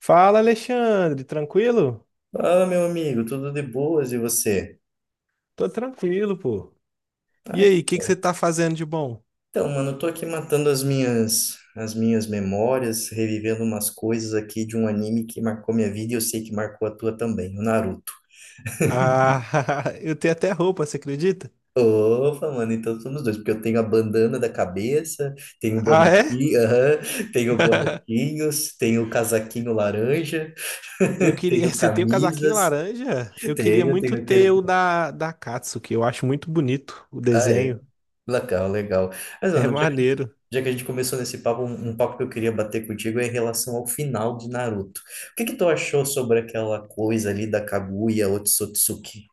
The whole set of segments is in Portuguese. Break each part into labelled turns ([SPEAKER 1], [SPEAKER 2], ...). [SPEAKER 1] Fala, Alexandre, tranquilo?
[SPEAKER 2] Fala, meu amigo, tudo de boas e você?
[SPEAKER 1] Tô tranquilo, pô. E
[SPEAKER 2] Ah,
[SPEAKER 1] aí,
[SPEAKER 2] que
[SPEAKER 1] o que que
[SPEAKER 2] bom.
[SPEAKER 1] você tá fazendo de bom?
[SPEAKER 2] Então, mano, eu tô aqui matando as minhas memórias, revivendo umas coisas aqui de um anime que marcou minha vida e eu sei que marcou a tua também, o Naruto.
[SPEAKER 1] Ah, eu tenho até roupa, você acredita?
[SPEAKER 2] Opa, mano, então somos dois, porque eu tenho a bandana da cabeça, tenho o
[SPEAKER 1] Ah, é?
[SPEAKER 2] bonequinho, aham, tenho bonequinhos, tenho o casaquinho laranja,
[SPEAKER 1] Eu queria.
[SPEAKER 2] tenho
[SPEAKER 1] Você tem o casaquinho
[SPEAKER 2] camisas,
[SPEAKER 1] laranja? Eu queria
[SPEAKER 2] tenho,
[SPEAKER 1] muito
[SPEAKER 2] tenho
[SPEAKER 1] ter
[SPEAKER 2] aquele.
[SPEAKER 1] o da Katsuki. Eu acho muito bonito o
[SPEAKER 2] Ah, é.
[SPEAKER 1] desenho.
[SPEAKER 2] Legal, legal. Mas,
[SPEAKER 1] É
[SPEAKER 2] mano, já
[SPEAKER 1] maneiro.
[SPEAKER 2] Já que a gente começou nesse papo, um papo que eu queria bater contigo é em relação ao final de Naruto. O que que tu achou sobre aquela coisa ali da Kaguya Otsutsuki?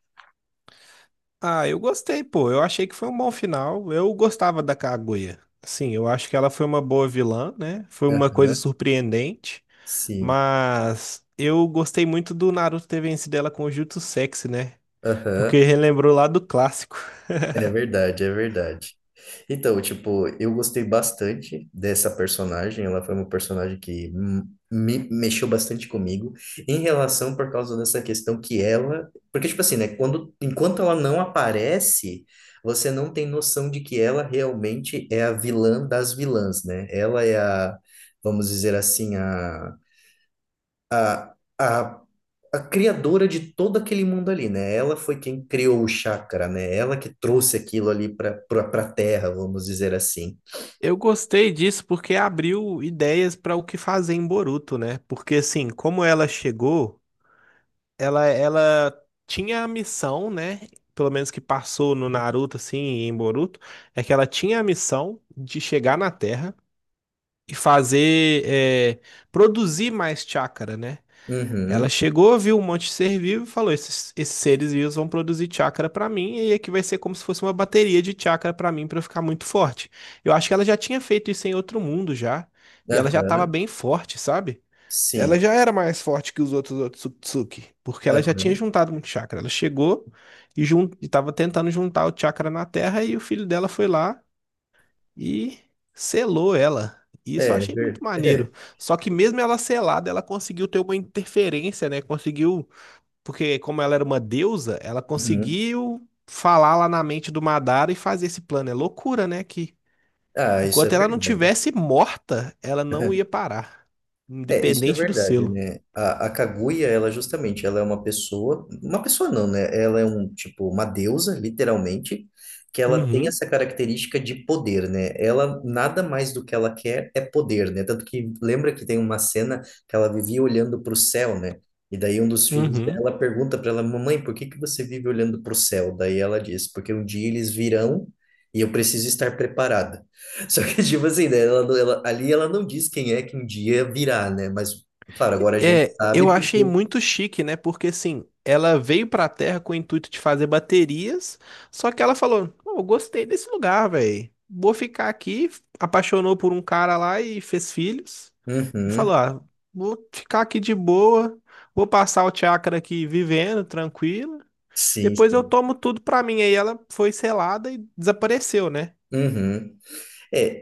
[SPEAKER 1] Ah, eu gostei, pô. Eu achei que foi um bom final. Eu gostava da Kaguya. Sim, eu acho que ela foi uma boa vilã, né? Foi uma coisa
[SPEAKER 2] Aham,
[SPEAKER 1] surpreendente.
[SPEAKER 2] sim.
[SPEAKER 1] Mas eu gostei muito do Naruto ter vencido ela com o Jutsu Sexy, né?
[SPEAKER 2] Aham,
[SPEAKER 1] Porque relembrou lá do clássico.
[SPEAKER 2] é verdade, é verdade. Então, tipo, eu gostei bastante dessa personagem. Ela foi uma personagem que me mexeu bastante comigo em relação por causa dessa questão que ela, porque tipo assim, né, quando enquanto ela não aparece, você não tem noção de que ela realmente é a vilã das vilãs, né? Ela é a, vamos dizer assim, a, a a criadora de todo aquele mundo ali, né? Ela foi quem criou o chakra, né? Ela que trouxe aquilo ali para a Terra, vamos dizer assim.
[SPEAKER 1] Eu gostei disso porque abriu ideias para o que fazer em Boruto, né? Porque assim, como ela chegou, ela tinha a missão, né? Pelo menos que passou no Naruto assim, e em Boruto, é que ela tinha a missão de chegar na Terra e fazer produzir mais chakra, né? Ela
[SPEAKER 2] Uhum,
[SPEAKER 1] chegou, viu um monte de ser vivo e falou: esses seres vivos vão produzir chakra pra mim, e aqui vai ser como se fosse uma bateria de chakra pra mim pra eu ficar muito forte. Eu acho que ela já tinha feito isso em outro mundo já, e ela já tava
[SPEAKER 2] aham,
[SPEAKER 1] bem forte, sabe? Ela
[SPEAKER 2] sim,
[SPEAKER 1] já era mais forte que os outros Otsutsuki, porque ela já tinha
[SPEAKER 2] aham,
[SPEAKER 1] juntado muito chakra. Ela chegou e tava tentando juntar o chakra na Terra, e o filho dela foi lá e selou ela. E
[SPEAKER 2] é,
[SPEAKER 1] isso eu achei muito
[SPEAKER 2] é,
[SPEAKER 1] maneiro. Só que mesmo ela selada, ela conseguiu ter uma interferência, né? Conseguiu, porque como ela era uma deusa, ela
[SPEAKER 2] uhum.
[SPEAKER 1] conseguiu falar lá na mente do Madara e fazer esse plano. É loucura, né? Que
[SPEAKER 2] Ah, isso é
[SPEAKER 1] enquanto ela não
[SPEAKER 2] verdade.
[SPEAKER 1] tivesse morta, ela não ia parar,
[SPEAKER 2] É, isso é
[SPEAKER 1] independente do
[SPEAKER 2] verdade,
[SPEAKER 1] selo.
[SPEAKER 2] né? A Kaguya, ela justamente, ela é uma pessoa não, né? Ela é um, tipo, uma deusa, literalmente, que ela tem
[SPEAKER 1] Uhum,
[SPEAKER 2] essa característica de poder, né? Ela, nada mais do que ela quer é poder, né? Tanto que lembra que tem uma cena que ela vivia olhando para o céu, né? E daí um dos filhos
[SPEAKER 1] uhum.
[SPEAKER 2] dela pergunta para ela, mamãe, por que que você vive olhando para o céu? Daí ela diz, porque um dia eles virão e eu preciso estar preparada. Só que, tipo assim, né? Ela, ali ela não diz quem é que um dia virá, né? Mas, claro, agora a gente
[SPEAKER 1] É, eu
[SPEAKER 2] sabe
[SPEAKER 1] achei
[SPEAKER 2] porque.
[SPEAKER 1] muito chique, né? Porque assim, ela veio pra Terra com o intuito de fazer baterias, só que ela falou: "Pô, eu gostei desse lugar, velho. Vou ficar aqui. Apaixonou por um cara lá e fez filhos. E
[SPEAKER 2] Uhum,
[SPEAKER 1] falou: ah, vou ficar aqui de boa, vou passar o chakra aqui vivendo, tranquilo.
[SPEAKER 2] sim,
[SPEAKER 1] Depois eu
[SPEAKER 2] sim.
[SPEAKER 1] tomo tudo pra mim. Aí ela foi selada e desapareceu, né?
[SPEAKER 2] Uhum.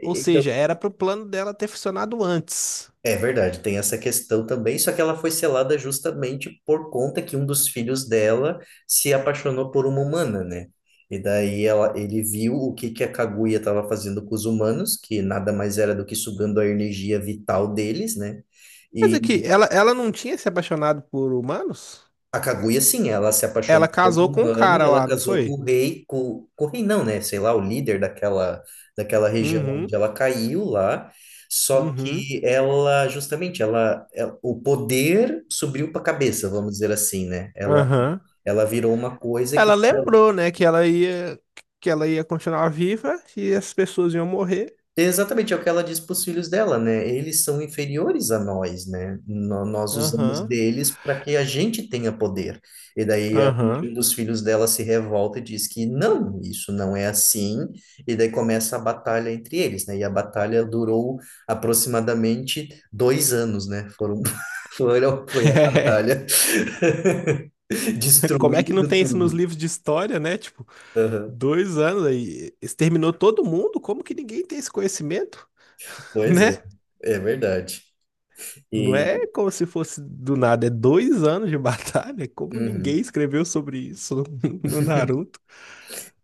[SPEAKER 1] Ou
[SPEAKER 2] então,
[SPEAKER 1] seja, era pro plano dela ter funcionado antes.
[SPEAKER 2] é verdade, tem essa questão também, só que ela foi selada justamente por conta que um dos filhos dela se apaixonou por uma humana, né? E daí ela, ele viu o que que a Kaguya estava fazendo com os humanos, que nada mais era do que sugando a energia vital deles, né?
[SPEAKER 1] Mas aqui,
[SPEAKER 2] e
[SPEAKER 1] ela não tinha se apaixonado por humanos?
[SPEAKER 2] A Kaguya, sim, ela se apaixonou
[SPEAKER 1] Ela
[SPEAKER 2] por um
[SPEAKER 1] casou com o
[SPEAKER 2] humano e
[SPEAKER 1] cara
[SPEAKER 2] ela
[SPEAKER 1] lá, não
[SPEAKER 2] casou com
[SPEAKER 1] foi?
[SPEAKER 2] o rei, com o rei não, né? Sei lá, o líder daquela região onde
[SPEAKER 1] Uhum,
[SPEAKER 2] ela caiu lá. Só
[SPEAKER 1] uhum,
[SPEAKER 2] que ela, justamente, o poder subiu para a cabeça, vamos dizer assim, né? Ela,
[SPEAKER 1] aham.
[SPEAKER 2] ela virou uma coisa
[SPEAKER 1] Ela
[SPEAKER 2] que.
[SPEAKER 1] lembrou, né, que ela ia continuar viva e as pessoas iam morrer.
[SPEAKER 2] Exatamente, é o que ela diz para os filhos dela, né? Eles são inferiores a nós, né? Nós usamos
[SPEAKER 1] Aham,
[SPEAKER 2] deles para que a gente tenha poder. E daí um
[SPEAKER 1] aham.
[SPEAKER 2] dos filhos dela se revolta e diz que não, isso não é assim. E daí começa a batalha entre eles, né? E a batalha durou aproximadamente 2 anos, né? Foi a batalha,
[SPEAKER 1] É, como é que não
[SPEAKER 2] destruindo
[SPEAKER 1] tem isso nos
[SPEAKER 2] tudo.
[SPEAKER 1] livros de história, né? Tipo,
[SPEAKER 2] Aham.
[SPEAKER 1] 2 anos aí, exterminou todo mundo? Como que ninguém tem esse conhecimento,
[SPEAKER 2] Pois é,
[SPEAKER 1] né?
[SPEAKER 2] é verdade.
[SPEAKER 1] Não
[SPEAKER 2] E,
[SPEAKER 1] é como se fosse do nada, é 2 anos de batalha. Como ninguém
[SPEAKER 2] uhum.
[SPEAKER 1] escreveu sobre isso no Naruto?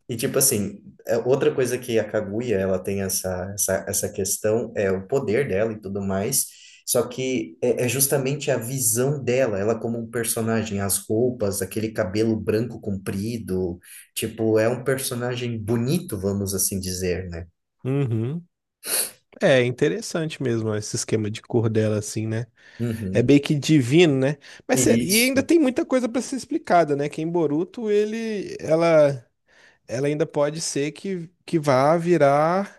[SPEAKER 2] E tipo assim, é, outra coisa que a Kaguya, ela tem essa questão, é o poder dela e tudo mais, só que é justamente a visão dela, ela como um personagem, as roupas, aquele cabelo branco comprido, tipo, é um personagem bonito, vamos assim dizer, né?
[SPEAKER 1] Uhum. É interessante mesmo esse esquema de cor dela, assim, né? É
[SPEAKER 2] Uhum.
[SPEAKER 1] bem que divino, né? Mas sério, e ainda
[SPEAKER 2] Isso.
[SPEAKER 1] tem muita coisa para ser explicada, né? Que em Boruto ela ainda pode ser que vá virar,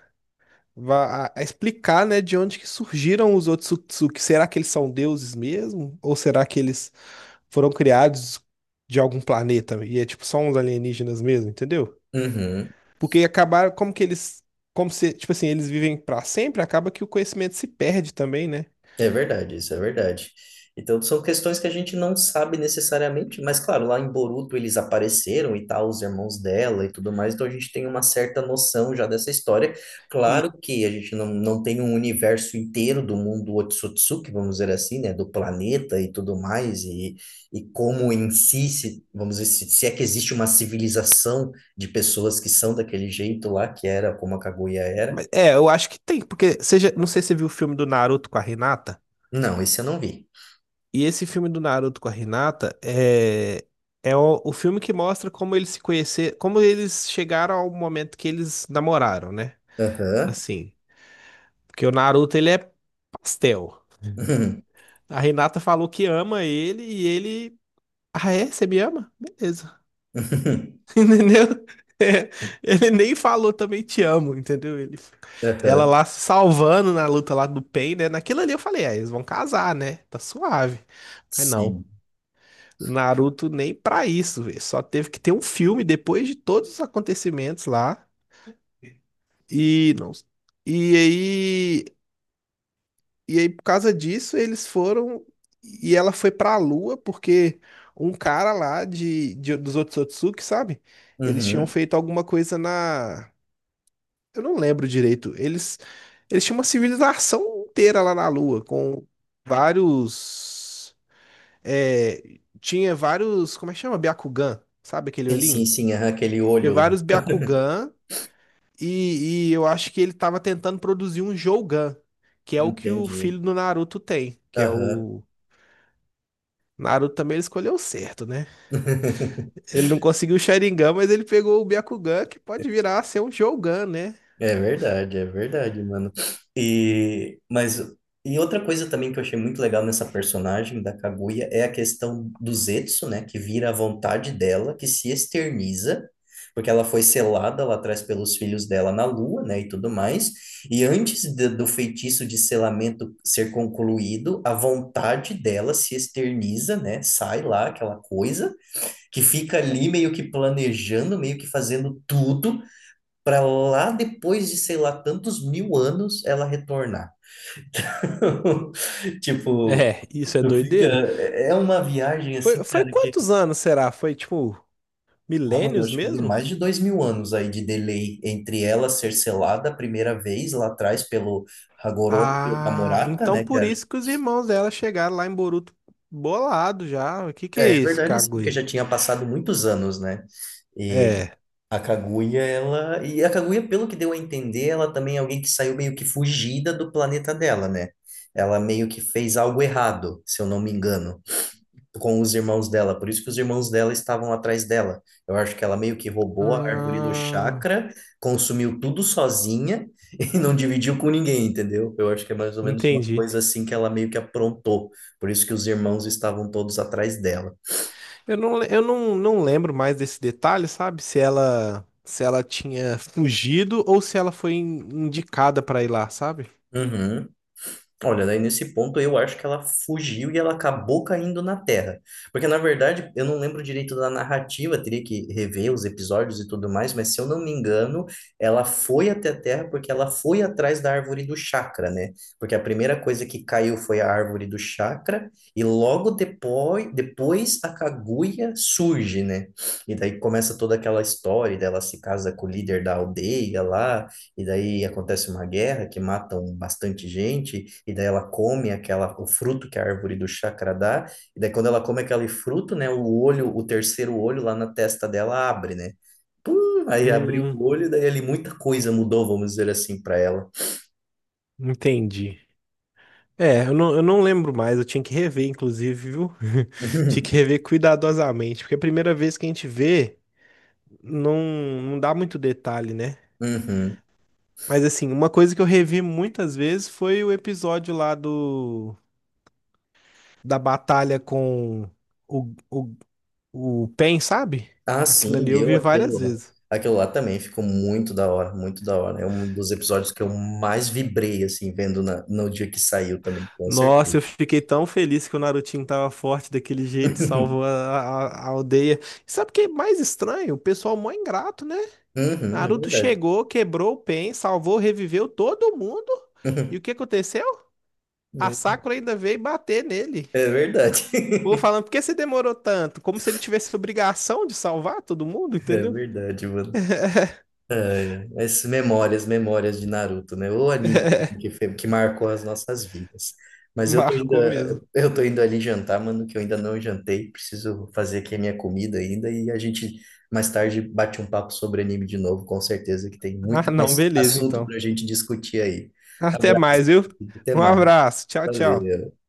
[SPEAKER 1] vá a explicar, né? De onde que surgiram os Otsutsuki? Será que eles são deuses mesmo? Ou será que eles foram criados de algum planeta e é tipo só uns alienígenas mesmo, entendeu?
[SPEAKER 2] Uhum.
[SPEAKER 1] Porque acabaram, como que eles, como se, tipo assim, eles vivem pra sempre, acaba que o conhecimento se perde também, né?
[SPEAKER 2] É verdade, isso é verdade. Então, são questões que a gente não sabe necessariamente, mas claro, lá em Boruto eles apareceram e tal, os irmãos dela e tudo mais, então a gente tem uma certa noção já dessa história.
[SPEAKER 1] E-
[SPEAKER 2] Claro que a gente não tem um universo inteiro do mundo Otsutsuki, vamos dizer assim, né, do planeta e tudo mais, e, como em si, se, vamos dizer, se é que existe uma civilização de pessoas que são daquele jeito lá, que era como a Kaguya era.
[SPEAKER 1] é, eu acho que tem, porque seja, não sei se você viu o filme do Naruto com a Renata
[SPEAKER 2] Não, esse eu não vi.
[SPEAKER 1] e esse filme do Naruto com a Renata é o filme que mostra como eles se conhecer, como eles chegaram ao momento que eles namoraram, né?
[SPEAKER 2] Aham.
[SPEAKER 1] Assim, porque o Naruto ele é pastel. A Renata falou que ama ele e ele, ah é, você me ama? Beleza. Entendeu? É, ele nem falou também te amo, entendeu? Ela
[SPEAKER 2] Aham,
[SPEAKER 1] lá se salvando na luta lá do Pain, né? Naquilo ali eu falei, é, eles vão casar, né? Tá suave. Mas não.
[SPEAKER 2] sim.
[SPEAKER 1] O Naruto nem pra isso, velho. Só teve que ter um filme depois de todos os acontecimentos lá. E não. E aí, por causa disso eles foram e ela foi pra Lua porque um cara lá de dos Otsutsuki, sabe? Eles tinham
[SPEAKER 2] Uhum.
[SPEAKER 1] feito alguma coisa. Na Eu não lembro direito. Eles tinham uma civilização inteira lá na Lua, com vários. Tinha vários. Como é que chama? Byakugan, sabe aquele
[SPEAKER 2] Sim, sim,
[SPEAKER 1] olhinho?
[SPEAKER 2] sim, aham, aquele
[SPEAKER 1] Tinha
[SPEAKER 2] olho lá.
[SPEAKER 1] vários Byakugan, e eu acho que ele tava tentando produzir um Jougan, que é o que o
[SPEAKER 2] Entendi.
[SPEAKER 1] filho do Naruto tem, que é
[SPEAKER 2] Aham.
[SPEAKER 1] o. Naruto também ele escolheu certo, né? Ele não conseguiu o Sharingan, mas ele pegou o Byakugan, que pode virar a ser um Jougan, né?
[SPEAKER 2] É verdade, mano. E, mas, e outra coisa também que eu achei muito legal nessa personagem da Kaguya é a questão do Zetsu, né? Que vira a vontade dela, que se externiza, porque ela foi selada lá atrás pelos filhos dela na lua, né? E tudo mais. E do feitiço de selamento ser concluído, a vontade dela se externiza, né? Sai lá aquela coisa que fica ali meio que planejando, meio que fazendo tudo para lá depois de, sei lá, tantos mil anos ela retornar. Tipo,
[SPEAKER 1] É, isso é
[SPEAKER 2] tu fica.
[SPEAKER 1] doideira.
[SPEAKER 2] É uma viagem assim,
[SPEAKER 1] Foi
[SPEAKER 2] cara, que.
[SPEAKER 1] quantos anos será? Foi tipo.
[SPEAKER 2] Ah, mano, eu
[SPEAKER 1] Milênios
[SPEAKER 2] acho que deu
[SPEAKER 1] mesmo?
[SPEAKER 2] mais de 2.000 anos aí de delay entre ela ser selada a primeira vez lá atrás pelo Hagoromo e a
[SPEAKER 1] Ah,
[SPEAKER 2] Murata,
[SPEAKER 1] então
[SPEAKER 2] né? Que
[SPEAKER 1] por
[SPEAKER 2] era.
[SPEAKER 1] isso que os irmãos dela chegaram lá em Boruto bolado já. O que que é
[SPEAKER 2] É
[SPEAKER 1] isso,
[SPEAKER 2] verdade, sim, porque
[SPEAKER 1] Kaguya?
[SPEAKER 2] já tinha passado muitos anos, né?
[SPEAKER 1] É.
[SPEAKER 2] A Kaguya, ela. E a Kaguya, pelo que deu a entender, ela também é alguém que saiu meio que fugida do planeta dela, né? Ela meio que fez algo errado, se eu não me engano, com os irmãos dela. Por isso que os irmãos dela estavam atrás dela. Eu acho que ela meio que roubou a árvore do
[SPEAKER 1] Ah,
[SPEAKER 2] chakra, consumiu tudo sozinha e não dividiu com ninguém, entendeu? Eu acho que é mais ou menos uma
[SPEAKER 1] entendi.
[SPEAKER 2] coisa assim que ela meio que aprontou. Por isso que os irmãos estavam todos atrás dela.
[SPEAKER 1] Eu não lembro mais desse detalhe, sabe? Se ela tinha fugido ou se ela foi indicada pra ir lá, sabe?
[SPEAKER 2] Uhum. Olha, daí nesse ponto eu acho que ela fugiu e ela acabou caindo na Terra. Porque, na verdade, eu não lembro direito da narrativa, teria que rever os episódios e tudo mais, mas se eu não me engano, ela foi até a Terra porque ela foi atrás da árvore do chakra, né? Porque a primeira coisa que caiu foi a árvore do chakra, e logo depois, a Kaguya surge, né? E daí começa toda aquela história dela se casa com o líder da aldeia lá. E daí acontece uma guerra que matam bastante gente, e daí ela come aquela, o fruto que a árvore do chakra dá, e daí quando ela come aquele fruto, né, o olho, o terceiro olho lá na testa dela abre, né? Pum, aí abriu
[SPEAKER 1] Hum,
[SPEAKER 2] o olho, daí ali muita coisa mudou, vamos dizer assim, para ela.
[SPEAKER 1] entendi. É, eu não lembro mais, eu tinha que rever, inclusive, viu? Tinha que rever cuidadosamente, porque é a primeira vez que a gente vê. não, não dá muito detalhe, né?
[SPEAKER 2] Uhum.
[SPEAKER 1] Mas assim, uma coisa que eu revi muitas vezes foi o episódio lá do da batalha com o, o, o Pen, sabe?
[SPEAKER 2] Ah,
[SPEAKER 1] Aquilo
[SPEAKER 2] sim,
[SPEAKER 1] ali eu
[SPEAKER 2] eu
[SPEAKER 1] vi várias
[SPEAKER 2] aquilo lá.
[SPEAKER 1] vezes.
[SPEAKER 2] Aquilo lá também ficou muito da hora, muito da hora. É um dos episódios que eu mais vibrei, assim, vendo no dia que saiu também, com
[SPEAKER 1] Nossa,
[SPEAKER 2] certeza.
[SPEAKER 1] eu fiquei tão feliz que o Narutinho tava forte daquele jeito, e salvou a, a- a aldeia. E sabe o que é mais estranho? O pessoal mó ingrato, né?
[SPEAKER 2] Uhum, é
[SPEAKER 1] Naruto
[SPEAKER 2] verdade.
[SPEAKER 1] chegou, quebrou o Pen, salvou, reviveu todo mundo. E o que aconteceu? A Sakura ainda veio bater nele.
[SPEAKER 2] É verdade.
[SPEAKER 1] Vou falando, por que você demorou tanto? Como se ele tivesse obrigação de salvar todo mundo,
[SPEAKER 2] É
[SPEAKER 1] entendeu?
[SPEAKER 2] verdade, mano. Ai, ai. Essas memórias, memórias de Naruto, né? O anime que marcou as nossas vidas. Mas
[SPEAKER 1] Marcou mesmo.
[SPEAKER 2] eu tô indo ali jantar, mano, que eu ainda não jantei. Preciso fazer aqui a minha comida ainda e a gente mais tarde bate um papo sobre anime de novo, com certeza que tem
[SPEAKER 1] Ah,
[SPEAKER 2] muito
[SPEAKER 1] não,
[SPEAKER 2] mais
[SPEAKER 1] beleza,
[SPEAKER 2] assunto
[SPEAKER 1] então.
[SPEAKER 2] pra gente discutir aí.
[SPEAKER 1] Até
[SPEAKER 2] Abraço.
[SPEAKER 1] mais, viu?
[SPEAKER 2] Até
[SPEAKER 1] Um
[SPEAKER 2] mais.
[SPEAKER 1] abraço. Tchau, tchau.
[SPEAKER 2] Valeu.